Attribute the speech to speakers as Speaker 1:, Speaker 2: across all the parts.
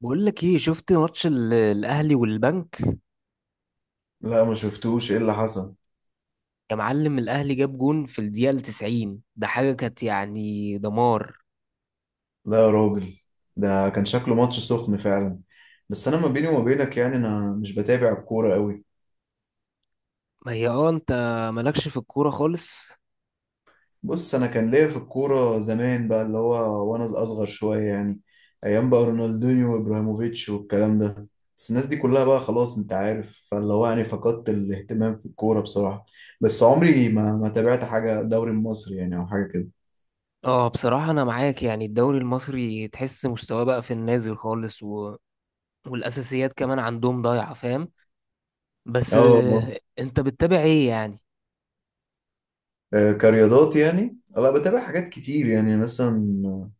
Speaker 1: بقول لك ايه، شفت ماتش الاهلي والبنك؟
Speaker 2: لا، ما شفتوش ايه اللي حصل.
Speaker 1: يا معلم، الاهلي جاب جون في الدقيقه 90، ده حاجه كانت يعني دمار.
Speaker 2: لا يا راجل، ده كان شكله ماتش سخن فعلا. بس انا ما بيني وما بينك، يعني انا مش بتابع الكوره قوي.
Speaker 1: ما هي انت مالكش في الكوره خالص.
Speaker 2: بص، انا كان ليا في الكوره زمان بقى اللي هو وانا اصغر شويه يعني. ايام بقى رونالدينيو وابراهيموفيتش والكلام ده. بس الناس دي كلها بقى خلاص، انت عارف، فاللي هو يعني فقدت الاهتمام في الكوره بصراحه. بس عمري ما تابعت حاجه دوري مصري يعني، او حاجه كده.
Speaker 1: اه، بصراحه انا معاك، يعني الدوري المصري تحس مستواه بقى في النازل خالص والاساسيات كمان عندهم ضايعه، فاهم؟ بس،
Speaker 2: اه.
Speaker 1: انت بتتابع ايه يعني؟
Speaker 2: كرياضات يعني، لا بتابع حاجات كتير يعني، مثلا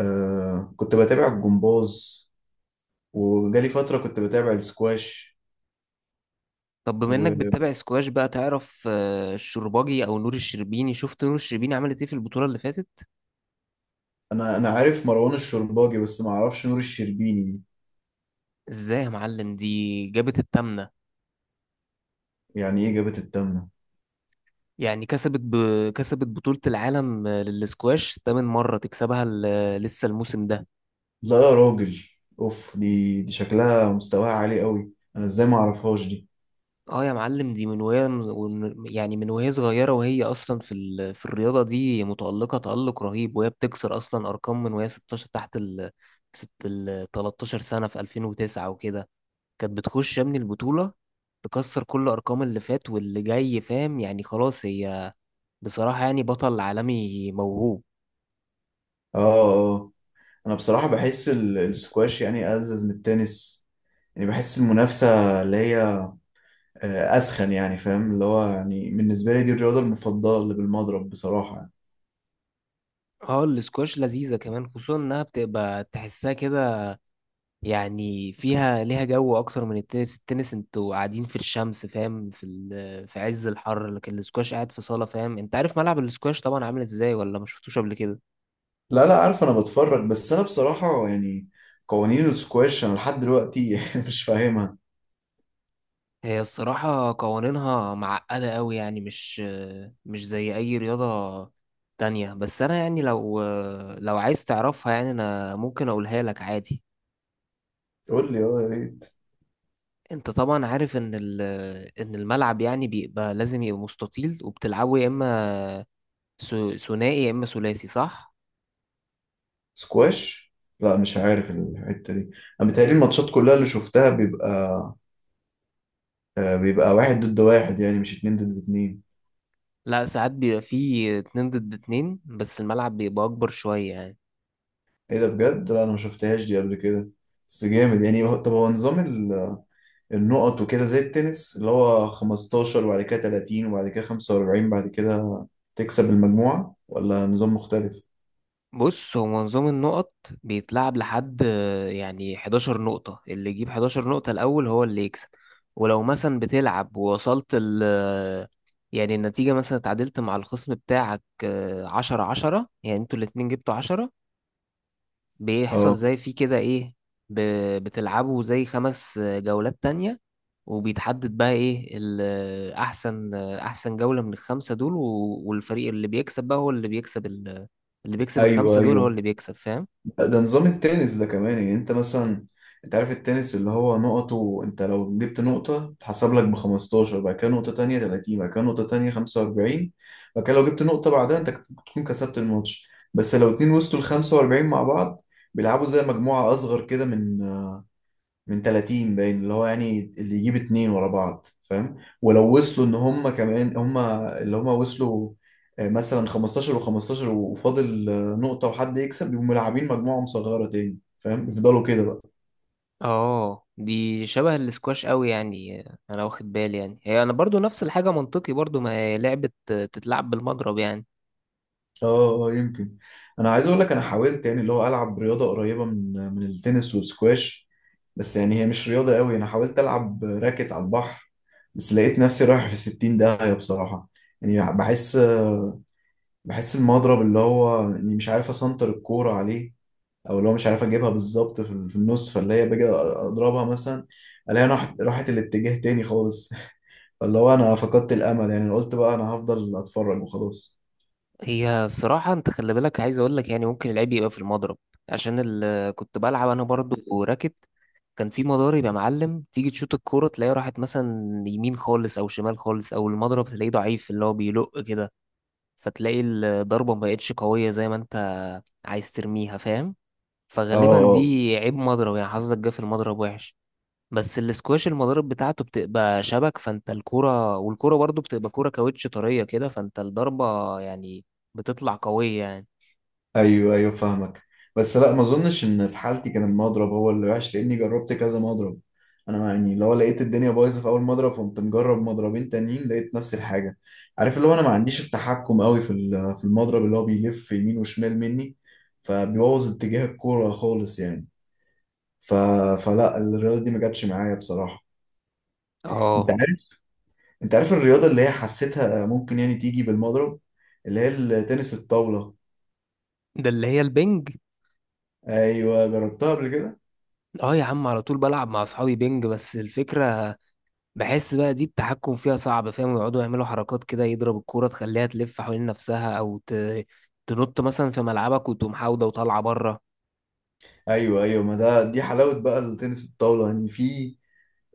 Speaker 2: كنت بتابع الجمباز، وجالي فترة كنت بتابع السكواش.
Speaker 1: طب بما انك
Speaker 2: وأنا
Speaker 1: بتتابع سكواش، بقى تعرف الشرباجي او نور الشربيني؟ شفت نور الشربيني عملت ايه في البطوله اللي فاتت؟
Speaker 2: أنا عارف مروان الشرباجي، بس ما أعرفش نور الشربيني دي.
Speaker 1: ازاي يا معلم؟ دي جابت التامنه.
Speaker 2: يعني إيه جابت التامنة؟
Speaker 1: يعني كسبت بطولة العالم للسكواش تامن مرة تكسبها، لسه الموسم ده.
Speaker 2: لا يا راجل، أوف، دي شكلها مستواها عالي قوي، أنا إزاي ما أعرفهاش دي؟
Speaker 1: اه يا معلم، دي من وهي يعني من وهي صغيرة، وهي أصلا في الرياضة دي متألقة تألق رهيب، وهي بتكسر أصلا أرقام من وهي 16 تحت ال ست ال 13 سنة في 2009 وكده. كانت بتخش يا ابني البطولة تكسر كل أرقام اللي فات واللي جاي، فاهم؟ يعني خلاص، هي بصراحة يعني بطل عالمي موهوب.
Speaker 2: آه. أنا بصراحة بحس السكواش يعني ألذذ من التنس. يعني بحس المنافسة اللي هي أسخن يعني، فاهم اللي هو يعني، بالنسبة لي دي الرياضة المفضلة اللي بالمضرب بصراحة يعني.
Speaker 1: اه، الاسكواش لذيذة كمان، خصوصا انها بتبقى تحسها كده، يعني فيها ليها جو اكتر من التنس. التنس انتوا قاعدين في الشمس، فاهم؟ في عز الحر، لكن الاسكواش قاعد في صالة، فاهم؟ انت عارف ملعب الاسكواش طبعا عامل ازاي، ولا ما شفتوش قبل كده؟
Speaker 2: لا لا، عارف، انا بتفرج، بس انا بصراحة يعني قوانين السكواش انا لحد دلوقتي مش فاهمها.
Speaker 1: هي الصراحة قوانينها معقدة قوي، يعني مش زي اي رياضة تانية، بس انا يعني لو عايز تعرفها، يعني انا ممكن اقولها لك عادي.
Speaker 2: قول لي، اه يا ريت.
Speaker 1: انت طبعا عارف ان الملعب يعني بيبقى لازم يبقى مستطيل، وبتلعبه يا اما ثنائي يا اما ثلاثي، صح؟
Speaker 2: سكواش؟ لا مش عارف الحتة دي. انا بتهيألي الماتشات كلها اللي شفتها بيبقى بيبقى واحد ضد واحد، يعني مش اتنين ضد اتنين.
Speaker 1: لا، ساعات بيبقى فيه اتنين ضد اتنين، بس الملعب بيبقى اكبر شوية يعني.
Speaker 2: ايه ده بجد؟ لا انا ما شفتهاش دي قبل كده. بس جامد يعني. طب هو نظام النقط وكده زي التنس اللي هو 15 وبعد كده 30 وبعد كده 45، بعد كده تكسب المجموعة ولا نظام مختلف؟
Speaker 1: بص، هو نظام النقط بيتلعب لحد يعني 11 نقطة، اللي يجيب 11 نقطة الاول هو اللي يكسب. ولو مثلا بتلعب ووصلت ال آه، يعني النتيجة مثلا اتعادلت مع الخصم بتاعك عشرة عشرة، يعني انتوا الاتنين جبتوا عشرة، بيحصل
Speaker 2: اه،
Speaker 1: زي في كده ايه، ب... بتلعبوا زي خمس جولات تانية. وبيتحدد بقى ايه احسن جولة من الخمسة دول، والفريق اللي بيكسب بقى هو اللي بيكسب
Speaker 2: ايوه
Speaker 1: الخمسة دول هو
Speaker 2: ايوه،
Speaker 1: اللي بيكسب، فاهم؟
Speaker 2: ده نظام التنس ده كمان يعني. انت مثلا، انت عارف التنس اللي هو نقطه، انت لو جبت نقطة تحسب لك ب 15، بعد كده نقطة تانية 30، بعد كده نقطة تانية 45، بعد كده لو جبت نقطة بعدها انت تكون كسبت الماتش. بس لو اتنين وصلوا ل 45 مع بعض بيلعبوا زي مجموعة أصغر كده، من 30 باين، اللي هو يعني اللي يجيب اتنين ورا بعض فاهم. ولو وصلوا ان هم كمان، هم اللي هم وصلوا مثلا 15 و15 وفاضل نقطة وحد يكسب، يبقوا ملاعبين مجموعة مصغرة تاني فاهم، يفضلوا كده بقى.
Speaker 1: اه، دي شبه الاسكواش قوي يعني، انا واخد بالي، يعني هي انا برضو نفس الحاجة منطقي برضو، ما هي لعبة تتلعب بالمضرب يعني.
Speaker 2: اه يمكن. انا عايز اقول لك، انا حاولت يعني اللي هو العب رياضة قريبة من من التنس والسكواش، بس يعني هي مش رياضة قوي. انا حاولت العب راكت على البحر، بس لقيت نفسي رايح في 60 داهية بصراحة. يعني بحس بحس المضرب اللي هو اني مش عارف اسنطر الكورة عليه، او اللي هو مش عارف اجيبها بالظبط في في النص، فاللي هي باجي اضربها مثلا الاقيها راحت الاتجاه تاني خالص. فاللي هو انا فقدت الامل، يعني قلت بقى انا هفضل اتفرج وخلاص.
Speaker 1: هي صراحة، انت خلي بالك، عايز اقول لك يعني ممكن العيب يبقى في المضرب، عشان كنت بلعب انا برضو راكت. كان في مضارب يا معلم، تيجي تشوط الكورة تلاقيها راحت مثلا يمين خالص او شمال خالص، او المضرب تلاقيه ضعيف اللي هو بيلق كده، فتلاقي الضربة ما بقتش قوية زي ما انت عايز ترميها، فاهم؟ فغالبا
Speaker 2: اه،
Speaker 1: دي عيب مضرب يعني، حظك جه في المضرب وحش. بس الاسكواش المضارب بتاعته بتبقى شبك فانت الكرة، والكرة برضو بتبقى كرة كاوتش طرية كده، فانت الضربة يعني بتطلع قوية يعني.
Speaker 2: ايوه ايوه فاهمك. بس لا، ما اظنش ان في حالتي كان المضرب هو اللي وحش، لاني جربت كذا مضرب. انا يعني لو لقيت الدنيا بايظه في اول مضرب فقمت مجرب مضربين تانيين لقيت نفس الحاجه. عارف اللي هو انا ما عنديش التحكم قوي في في المضرب، اللي هو بيلف يمين وشمال مني، فبيبوظ اتجاه الكوره خالص يعني. ف... فلا، الرياضه دي ما جاتش معايا بصراحه. انت
Speaker 1: اه،
Speaker 2: عارف انت عارف الرياضه اللي هي حسيتها ممكن يعني تيجي بالمضرب، اللي هي التنس الطاوله.
Speaker 1: ده اللي هي البنج.
Speaker 2: ايوه جربتها قبل كده.
Speaker 1: اه يا عم، على طول بلعب مع اصحابي بينج، بس الفكرة بحس بقى دي التحكم فيها صعب، فاهم؟ يقعدوا يعملوا حركات كده، يضرب الكورة تخليها تلف حوالين نفسها، او تنط مثلا في ملعبك وتقوم حاودة وطالعة بره.
Speaker 2: ايوه ايوه، ما ده دي حلاوه بقى التنس الطاوله، ان يعني في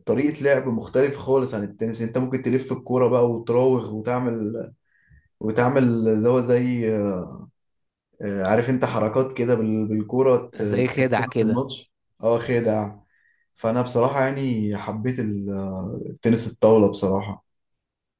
Speaker 2: طريقه لعب مختلفه خالص عن التنس. انت ممكن تلف الكوره بقى وتراوغ وتعمل اللي هو زي عارف انت، حركات كده بالكوره
Speaker 1: زي خدع
Speaker 2: تكسبك في
Speaker 1: كده.
Speaker 2: الماتش. اه خدع. فانا بصراحه يعني حبيت التنس الطاوله بصراحه.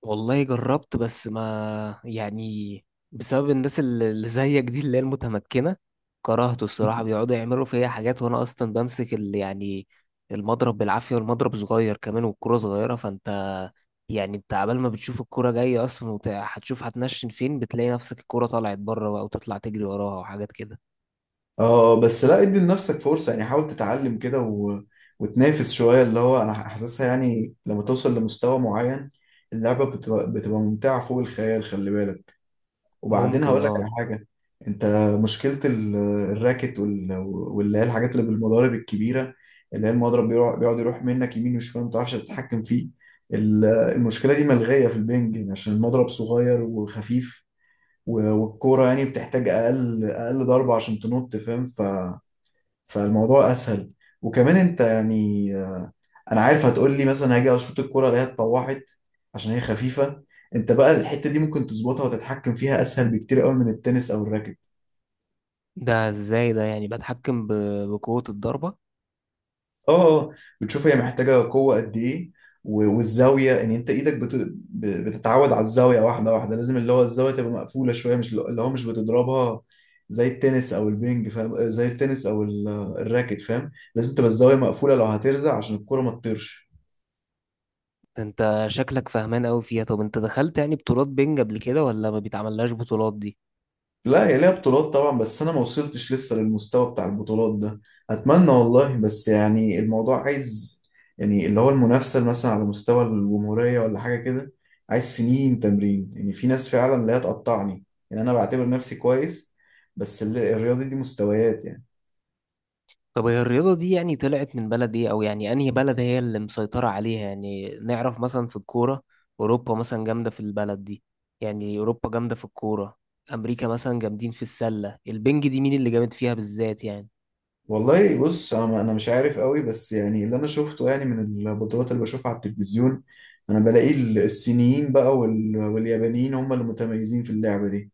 Speaker 1: والله جربت، بس ما يعني، بسبب الناس اللي زيك دي اللي هي المتمكنة، كرهته الصراحة، بيقعدوا يعملوا فيا حاجات وأنا أصلا بمسك ال يعني المضرب بالعافية، والمضرب صغير كمان والكرة صغيرة، فأنت يعني أنت عبال ما بتشوف الكرة جاية أصلا وهتشوف هتنشن فين، بتلاقي نفسك الكرة طلعت بره بقى، وتطلع تجري وراها وحاجات كده.
Speaker 2: اه بس لا، ادي لنفسك فرصة يعني، حاول تتعلم كده وتنافس شوية، اللي هو انا حاسسها يعني لما توصل لمستوى معين اللعبة بتبقى، بتبقى ممتعة فوق الخيال، خلي بالك. وبعدين
Speaker 1: ممكن،
Speaker 2: هقول لك
Speaker 1: اه.
Speaker 2: على حاجة. انت مشكلة الراكت واللي هي الحاجات اللي بالمضارب الكبيرة، اللي هي المضرب بيروح بيقعد يروح منك يمين وشمال، ما بتعرفش تتحكم فيه. المشكلة دي ملغية في البنج، يعني عشان المضرب صغير وخفيف، والكورة يعني بتحتاج أقل ضربة عشان تنط فاهم. فالموضوع اسهل. وكمان انت يعني، انا عارف هتقول لي مثلا هاجي اشوط الكرة الاقيها اتطوحت عشان هي خفيفة. انت بقى الحتة دي ممكن تظبطها وتتحكم فيها اسهل بكتير قوي من التنس او الراكت.
Speaker 1: ده ازاي ده؟ يعني بتحكم بقوة الضربة؟
Speaker 2: اه. بتشوف هي محتاجة قوة قد ايه، والزاوية ان انت ايدك بتتعود على الزاوية، واحدة واحدة لازم، اللي هو الزاوية تبقى مقفولة شوية، مش اللي هو مش بتضربها زي التنس او البينج فاهم، زي التنس او الراكت فاهم، لازم تبقى الزاوية مقفولة لو هترزع عشان الكرة ما تطيرش.
Speaker 1: ده انت شكلك فهمان قوي فيها، طب انت دخلت يعني بطولات بينج قبل كده، ولا ما بيتعملهاش بطولات دي؟
Speaker 2: لا، هي ليها بطولات طبعا، بس انا ما وصلتش لسه للمستوى بتاع البطولات ده. اتمنى والله، بس يعني الموضوع عايز يعني، اللي هو المنافسه مثلا على مستوى الجمهوريه ولا حاجه كده عايز سنين تمرين. يعني في ناس فعلا لا تقطعني، يعني انا بعتبر نفسي كويس، بس الرياضه دي مستويات يعني.
Speaker 1: طب هي الرياضة دي يعني طلعت من بلد ايه، او يعني انهي بلد هي اللي مسيطرة عليها؟ يعني نعرف مثلا في الكورة اوروبا مثلا جامدة في البلد دي، يعني اوروبا جامدة في الكورة، امريكا مثلا جامدين في السلة، البينج دي مين اللي جامد فيها بالذات يعني؟
Speaker 2: والله بص، انا مش عارف قوي، بس يعني اللي انا شفته يعني من البطولات اللي بشوفها على التلفزيون، انا بلاقي الصينيين بقى واليابانيين هم اللي متميزين في اللعبه دي.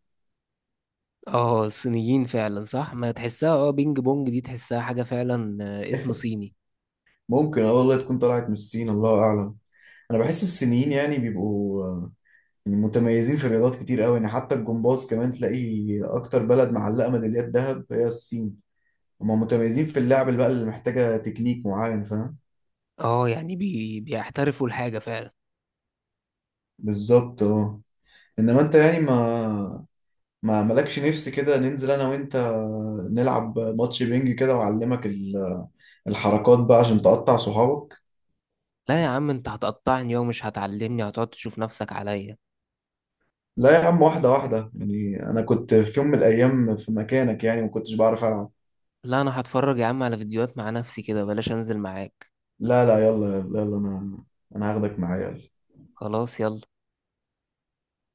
Speaker 1: اه، الصينيين فعلا صح، ما تحسها اه، بينج بونج دي تحسها حاجة فعلا اسم صيني.
Speaker 2: ممكن، اه والله تكون طلعت من الصين، الله اعلم. انا بحس الصينيين يعني بيبقوا يعني متميزين في الرياضات كتير قوي يعني، حتى الجمباز كمان تلاقي اكتر بلد معلقه ميداليات ذهب هي الصين. هم متميزين في اللعب اللي بقى اللي محتاجه تكنيك معين فاهم.
Speaker 1: اه، يعني بيحترفوا الحاجة فعلا.
Speaker 2: بالظبط اه. انما انت يعني، ما مالكش نفس كده ننزل انا وانت نلعب ماتش بينج كده، واعلمك الحركات بقى عشان تقطع صحابك.
Speaker 1: لا يا عم، انت هتقطعني ومش هتعلمني، هتقعد تشوف نفسك عليا.
Speaker 2: لا يا عم، واحده واحده يعني، انا كنت في يوم من الايام في مكانك يعني، ما كنتش بعرف العب.
Speaker 1: لا، انا هتفرج يا عم على فيديوهات مع نفسي كده، بلاش انزل معاك.
Speaker 2: لا لا، يلا يلا يلا، انا هاخدك معايا، يلا.
Speaker 1: خلاص، يلا.